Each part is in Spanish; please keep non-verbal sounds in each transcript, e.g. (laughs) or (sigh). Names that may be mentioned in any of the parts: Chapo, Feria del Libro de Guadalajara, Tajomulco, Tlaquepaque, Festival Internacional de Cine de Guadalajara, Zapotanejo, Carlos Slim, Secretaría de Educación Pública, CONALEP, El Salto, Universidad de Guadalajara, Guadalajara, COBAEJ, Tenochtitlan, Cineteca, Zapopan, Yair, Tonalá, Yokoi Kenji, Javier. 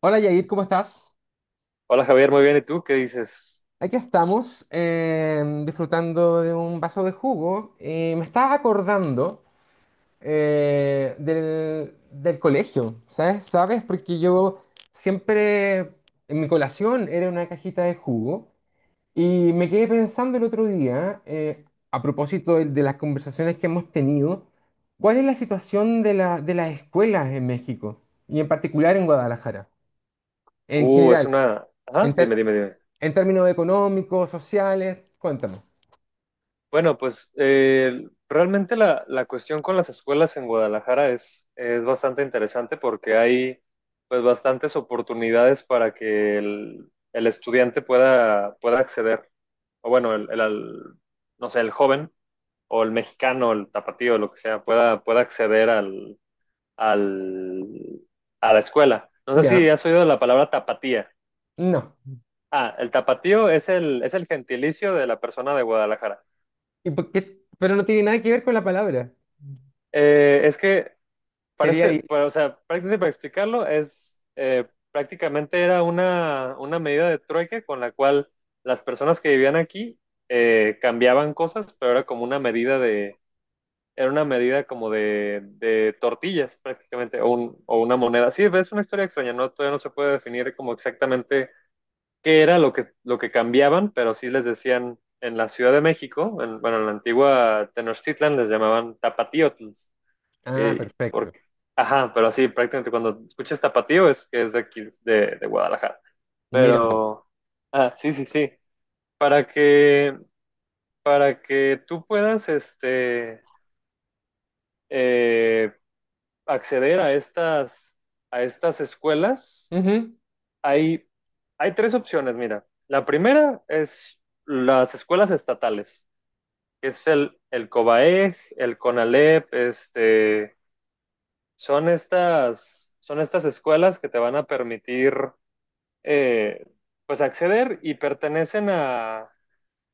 Hola Yair, ¿cómo estás? Hola Javier, muy bien. ¿Y tú qué dices? Aquí estamos disfrutando de un vaso de jugo y me estaba acordando del colegio, ¿sabes? ¿Sabes? Porque yo siempre en mi colación era una cajita de jugo y me quedé pensando el otro día, a propósito de las conversaciones que hemos tenido, ¿cuál es la situación de de las escuelas en México y en particular en Guadalajara? En general. En, Ajá, ter- dime, dime, dime. En términos económicos, sociales, cuéntame. Bueno, pues realmente la cuestión con las escuelas en Guadalajara es bastante interesante porque hay pues bastantes oportunidades para que el estudiante pueda acceder, o bueno, no sé, el joven o el mexicano, el tapatío, lo que sea, pueda acceder al, a la escuela. No sé Ya, si has oído la palabra tapatía. no. Ah, el tapatío es el gentilicio de la persona de Guadalajara. ¿Y por qué? Pero no tiene nada que ver con la palabra. Es que Sería... parece, di- pues, o sea, prácticamente para explicarlo, es prácticamente era una medida de trueque con la cual las personas que vivían aquí cambiaban cosas, pero era como una medida era una medida como de tortillas prácticamente, o, o una moneda. Sí, es una historia extraña, ¿no? Todavía no se puede definir como exactamente qué era lo que cambiaban, pero sí les decían en la Ciudad de México, en, bueno, en la antigua Tenochtitlan les llamaban tapatíotls, Ah, perfecto. porque, ajá, pero así prácticamente cuando escuchas tapatío es que es de aquí, de Guadalajara. Mira tú. Pero, ah, sí, sí, sí, para que, para que tú puedas, eh, acceder a estas escuelas. Ujú. Hay, hay tres opciones, mira. La primera es las escuelas estatales, que es el COBAEJ, el CONALEP, son estas escuelas que te van a permitir eh, pues acceder y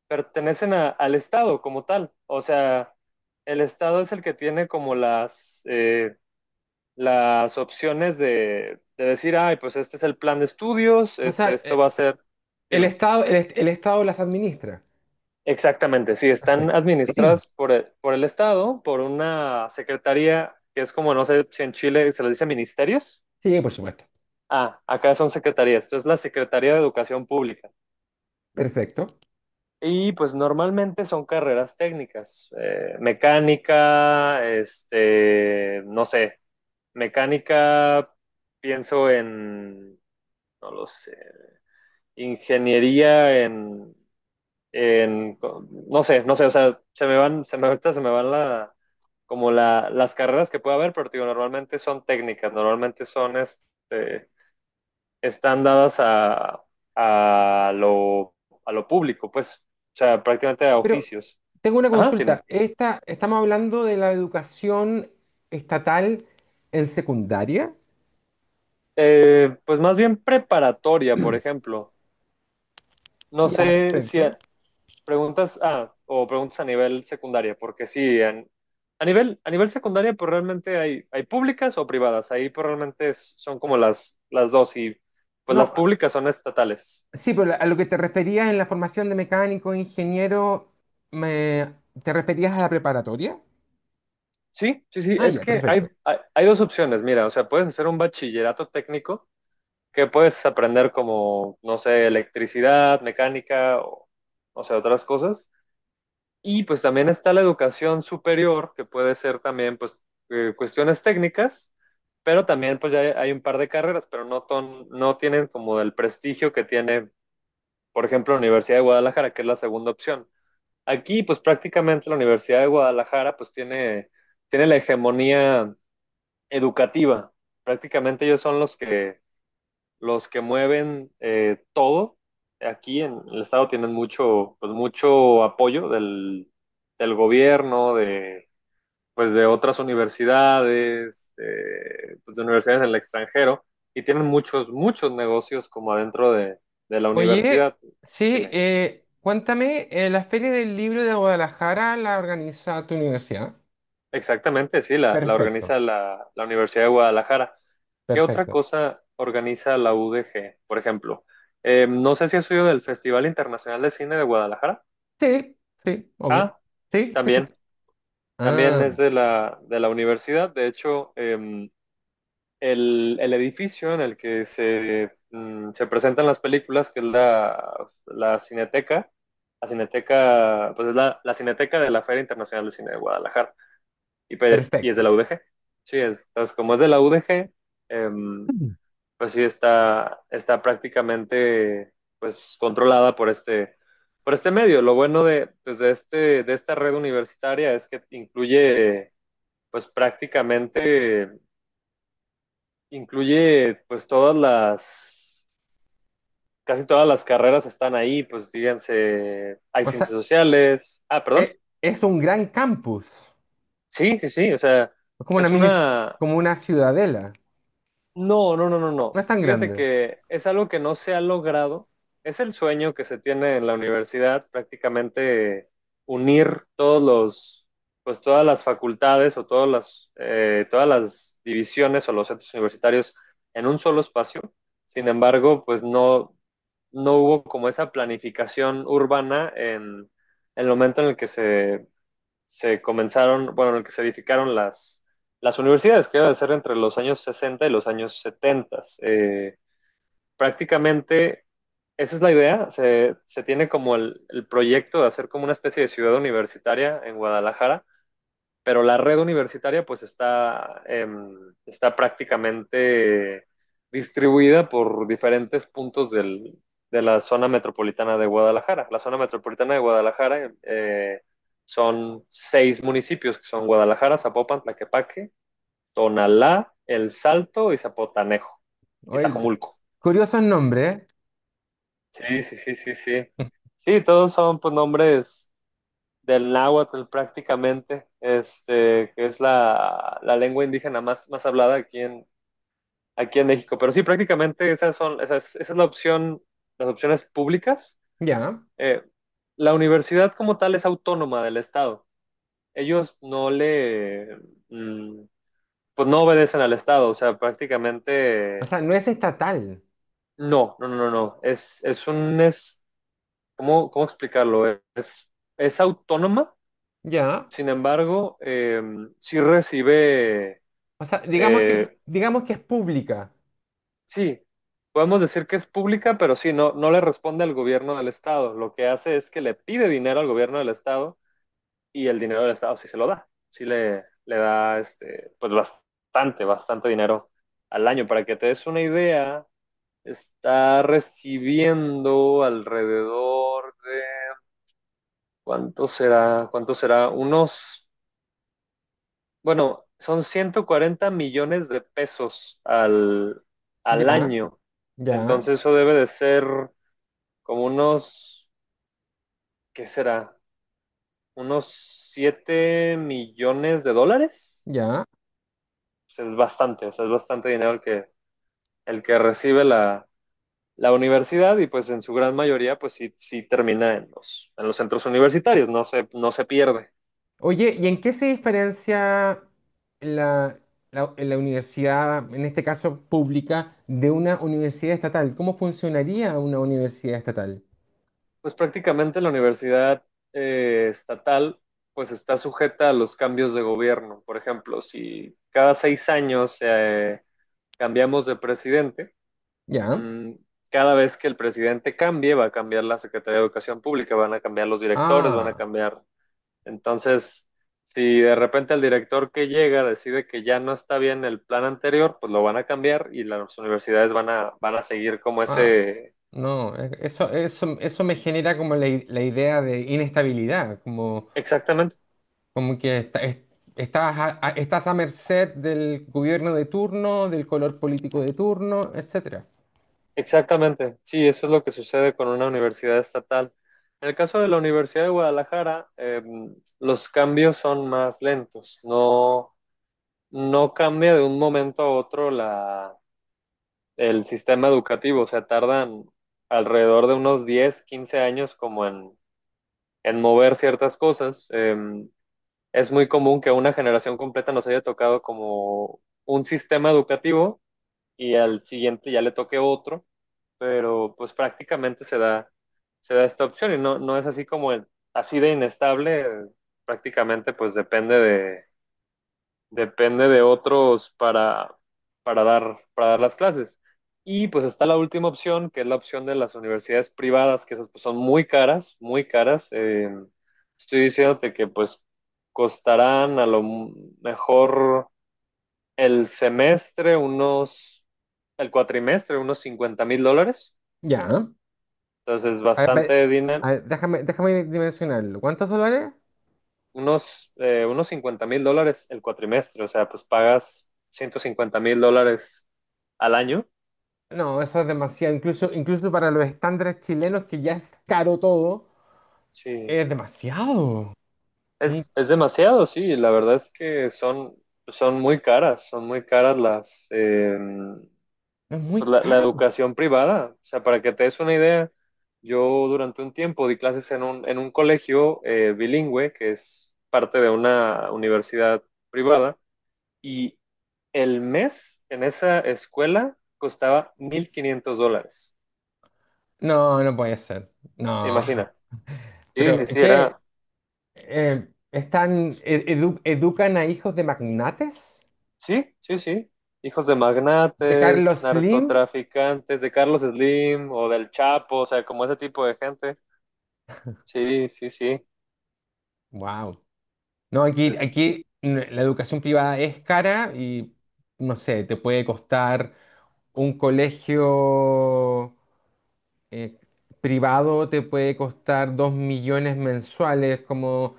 pertenecen al Estado como tal. O sea, el Estado es el que tiene como las opciones de decir, ay, pues este es el plan de estudios, O sea, esto va a ser, el dime. Estado, el Estado las administra. Exactamente, sí, están Perfecto. administradas (clears throat) por el Estado, por una secretaría que es como, no sé si en Chile se les dice ministerios. Sí, por supuesto. Ah, acá son secretarías, esto es la Secretaría de Educación Pública. Perfecto. Y pues normalmente son carreras técnicas, mecánica, no sé, mecánica, pienso en, no lo sé, ingeniería en en- no sé, no sé, o sea, se me van, se me ahorita se me van las carreras que puede haber, pero te digo, normalmente son técnicas, normalmente son, están dadas a lo, a lo público, pues, o sea, prácticamente a Pero oficios. tengo una Ajá, tiene. consulta. Esta, ¿estamos hablando de la educación estatal en secundaria? Pues más bien preparatoria, por ejemplo. No Ya, sé si, perfecto. Preguntas, ah, o preguntas a nivel secundaria, porque sí, a nivel secundaria, pues realmente hay públicas o privadas. Ahí pues realmente son como las dos y pues No, las públicas son estatales. sí, pero a lo que te referías en la formación de mecánico, ingeniero, me- ¿te referías a la preparatoria? Sí, sí, sí, Ah, es ya, que hay, perfecto. hay, hay dos opciones, mira, o sea, puedes hacer un bachillerato técnico que puedes aprender como, no sé, electricidad, mecánica o, no sé, otras cosas. Y pues también está la educación superior, que puede ser también pues cuestiones técnicas, pero también pues ya hay un par de carreras, pero no, no tienen como el prestigio que tiene, por ejemplo, la Universidad de Guadalajara, que es la segunda opción. Aquí pues prácticamente la Universidad de Guadalajara pues tiene la hegemonía educativa. Prácticamente ellos son los que mueven todo aquí en el estado tienen mucho, pues mucho apoyo del gobierno, de, pues de otras universidades, de, pues de universidades en el extranjero, y tienen muchos, muchos negocios como adentro de la Oye, universidad. sí, Dime. Cuéntame, ¿la Feria del Libro de Guadalajara la organiza tu universidad? Exactamente, sí, la Perfecto, organiza la Universidad de Guadalajara. ¿Qué otra perfecto. cosa organiza la UDG, por ejemplo? No sé si has oído del Festival Internacional de Cine de Guadalajara. Sí, sí, obvio. Ah, Sí, se también, escucha. también Ah, es de la universidad. De hecho, el edificio en el que se presentan las películas, que es la Cineteca, pues es la Cineteca de la Feria Internacional de Cine de Guadalajara, y, y es de perfecto. la UDG. Sí, es, entonces, como es de la UDG, Mm. pues sí está prácticamente pues controlada por este medio. Lo bueno de, pues, de, este, de esta red universitaria es que pues prácticamente, incluye pues casi todas las carreras están ahí, pues díganse, hay O sea, ciencias sociales, ah, perdón, es un gran campus, sí, sí, sí, o sea, es como una es mini, una, como una ciudadela, no, no, no, no, no no. es tan Fíjate grande. que es algo que no se ha logrado. Es el sueño que se tiene en la universidad, prácticamente unir pues todas las facultades o todas las divisiones o los centros universitarios en un solo espacio. Sin embargo, pues no, no hubo como esa planificación urbana en el momento en el que se comenzaron, bueno, en el que se edificaron las universidades, que iba a ser entre los años 60 y los años 70. Prácticamente esa es la idea, se tiene como el proyecto de hacer como una especie de ciudad universitaria en Guadalajara, pero la red universitaria pues está, prácticamente distribuida por diferentes puntos de la zona metropolitana de Guadalajara. La zona metropolitana de Guadalajara son seis municipios, que son Guadalajara, Zapopan, Tlaquepaque, Tonalá, El Salto y Zapotanejo, y Oye, Tajomulco. curiosos nombres, Sí, sí, sí, sí, sí. ¿eh? Sí, todos son pues nombres del náhuatl prácticamente, que es la lengua indígena más, más hablada aquí en México. Pero sí, prácticamente esa es la opción, las opciones públicas. (laughs) Ya. Eh, la universidad como tal es autónoma del Estado. Ellos mm, pues no obedecen al Estado, o sea, O prácticamente sea, no es estatal, no, no, no, no, no. ¿Cómo explicarlo? Es, es autónoma, ¿ya? sin embargo, sí recibe O sea, eh, digamos que es pública, sí, podemos decir que es pública, pero sí, no, no le responde al gobierno del estado. Lo que hace es que le pide dinero al gobierno del estado y el dinero del estado sí se lo da. Sí le da pues bastante, bastante dinero al año. Para que te des una idea, está recibiendo alrededor de, ¿cuánto será? ¿Cuánto será? Unos Bueno, son 140 millones de pesos al ¿ya? año. ¿Ya? Entonces eso debe de ser como unos, ¿qué será? Unos 7 millones de dólares. ¿Ya? Pues es bastante, o sea, es bastante dinero el que recibe la universidad y pues en su gran mayoría pues sí, sí termina en los centros universitarios, no se, no se pierde. Oye, ¿y en qué se diferencia la, la universidad, en este caso pública, de una universidad estatal? ¿Cómo funcionaría una universidad estatal? Pues prácticamente la universidad estatal pues está sujeta a los cambios de gobierno. Por ejemplo, si cada 6 años cambiamos de presidente, ¿Ya? mm, cada vez que el presidente cambie va a cambiar la Secretaría de Educación Pública, van a cambiar los directores, van a Ah, cambiar. Entonces, si de repente el director que llega decide que ya no está bien el plan anterior, pues lo van a cambiar y las universidades van a, van a seguir como ah, ese, no, eso, eso, eso me genera como la, la idea de inestabilidad, como. exactamente. Como que estás, estás a merced del gobierno de turno, del color político de turno, etcétera. Exactamente, sí, eso es lo que sucede con una universidad estatal. En el caso de la Universidad de Guadalajara, los cambios son más lentos. No, no cambia de un momento a otro el sistema educativo. O sea, tardan alrededor de unos 10, 15 años como en mover ciertas cosas. Es muy común que a una generación completa nos haya tocado como un sistema educativo y al siguiente ya le toque otro, pero pues prácticamente se da esta opción y no, no es así como así de inestable, prácticamente pues depende de otros para, para dar las clases. Y pues está la última opción, que es la opción de las universidades privadas, que esas pues, son muy caras, muy caras. Estoy diciéndote que pues costarán a lo mejor el semestre unos, el cuatrimestre unos 50,000 dólares. Ya. Entonces, A ver, bastante dinero, a ver, déjame, déjame dimensionarlo. ¿Cuántos dólares? Unos 50,000 dólares el cuatrimestre, o sea, pues pagas 150,000 dólares al año. No, eso es demasiado. Incluso, incluso para los estándares chilenos, que ya es caro todo, Sí, es demasiado. Y es demasiado, sí, la verdad es que son, son muy caras es pues muy la caro. educación privada. O sea, para que te des una idea, yo durante un tiempo di clases en un colegio bilingüe que es parte de una universidad privada. Y el mes en esa escuela costaba 1,500 dólares. No, no puede ser. No. Imagina. Sí, Pero sí, es sí, que era. Están, educan a hijos de magnates, Sí, sí, sí. Hijos de de magnates, Carlos Slim. narcotraficantes, de Carlos Slim o del Chapo, o sea, como ese tipo de gente. Sí, sí, sí. Wow. No, aquí, Es aquí la educación privada es cara y no sé, te puede costar un colegio eh, privado, te puede costar 2 millones mensuales, como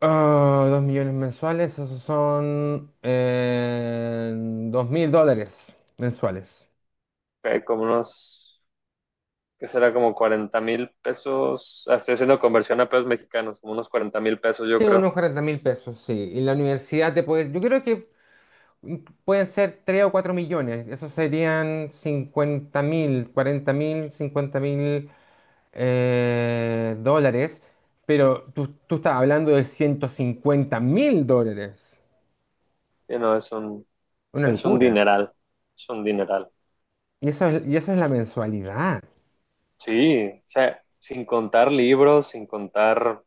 ah, 2 millones mensuales, esos son $2.000 mensuales. Como unos, que será como 40,000 pesos. Ah, estoy haciendo conversión a pesos mexicanos, como unos 40,000 pesos, yo Sí, unos creo. 40.000 pesos, sí. Y la universidad te puede, yo creo que Mm, pueden ser 3 o 4 millones. Esos serían 50.000, 40.000, 50.000 dólares. Pero tú estás hablando de $150.000. Sí, no, Una es un locura. dineral. Es un dineral. Y eso es la mensualidad. Sí, o sea, sin contar libros, sin contar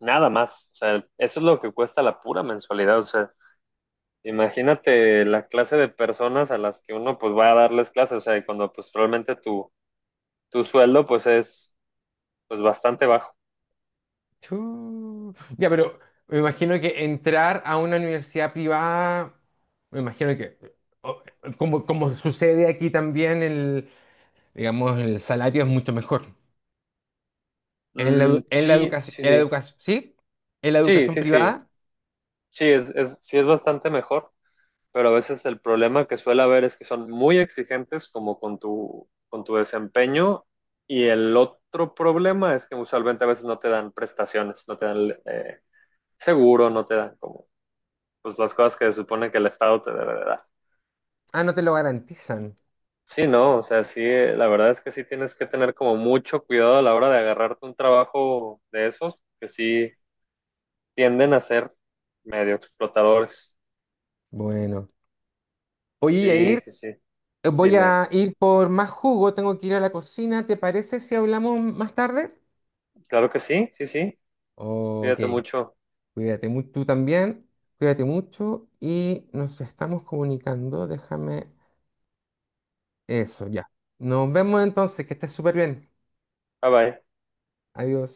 nada más. O sea, eso es lo que cuesta la pura mensualidad. O sea, imagínate la clase de personas a las que uno pues va a darles clases. O sea, y cuando pues realmente tu sueldo pues es pues bastante bajo. Chu. Ya, pero me imagino que entrar a una universidad privada, me imagino que, o- como, como sucede aquí también, el, digamos, el salario es mucho mejor. En la, Mm, sí, sí, en la sí. educación, ¿sí? En la Sí, educación sí, sí. privada, Sí, sí es bastante mejor. Pero a veces el problema que suele haber es que son muy exigentes como con tu desempeño y el otro problema es que usualmente a veces no te dan prestaciones, no te dan seguro, no te dan como pues las cosas que se supone que el Estado te debe de dar. ah, no te lo garantizan. Sí, no, o sea, sí, la verdad es que sí tienes que tener como mucho cuidado a la hora de agarrarte un trabajo de esos, que sí tienden a ser medio explotadores. Bueno. Oye, Sí, Yair, sí, sí. Voy a Dime. ir por más jugo, tengo que ir a la cocina, ¿te parece si hablamos más tarde? Claro que sí, sí, sí. Ok, Cuídate mucho. cuídate mucho, tú también, cuídate mucho y nos estamos comunicando, déjame eso, ya. Nos vemos entonces, que estés súper bien. Bye bye. Adiós.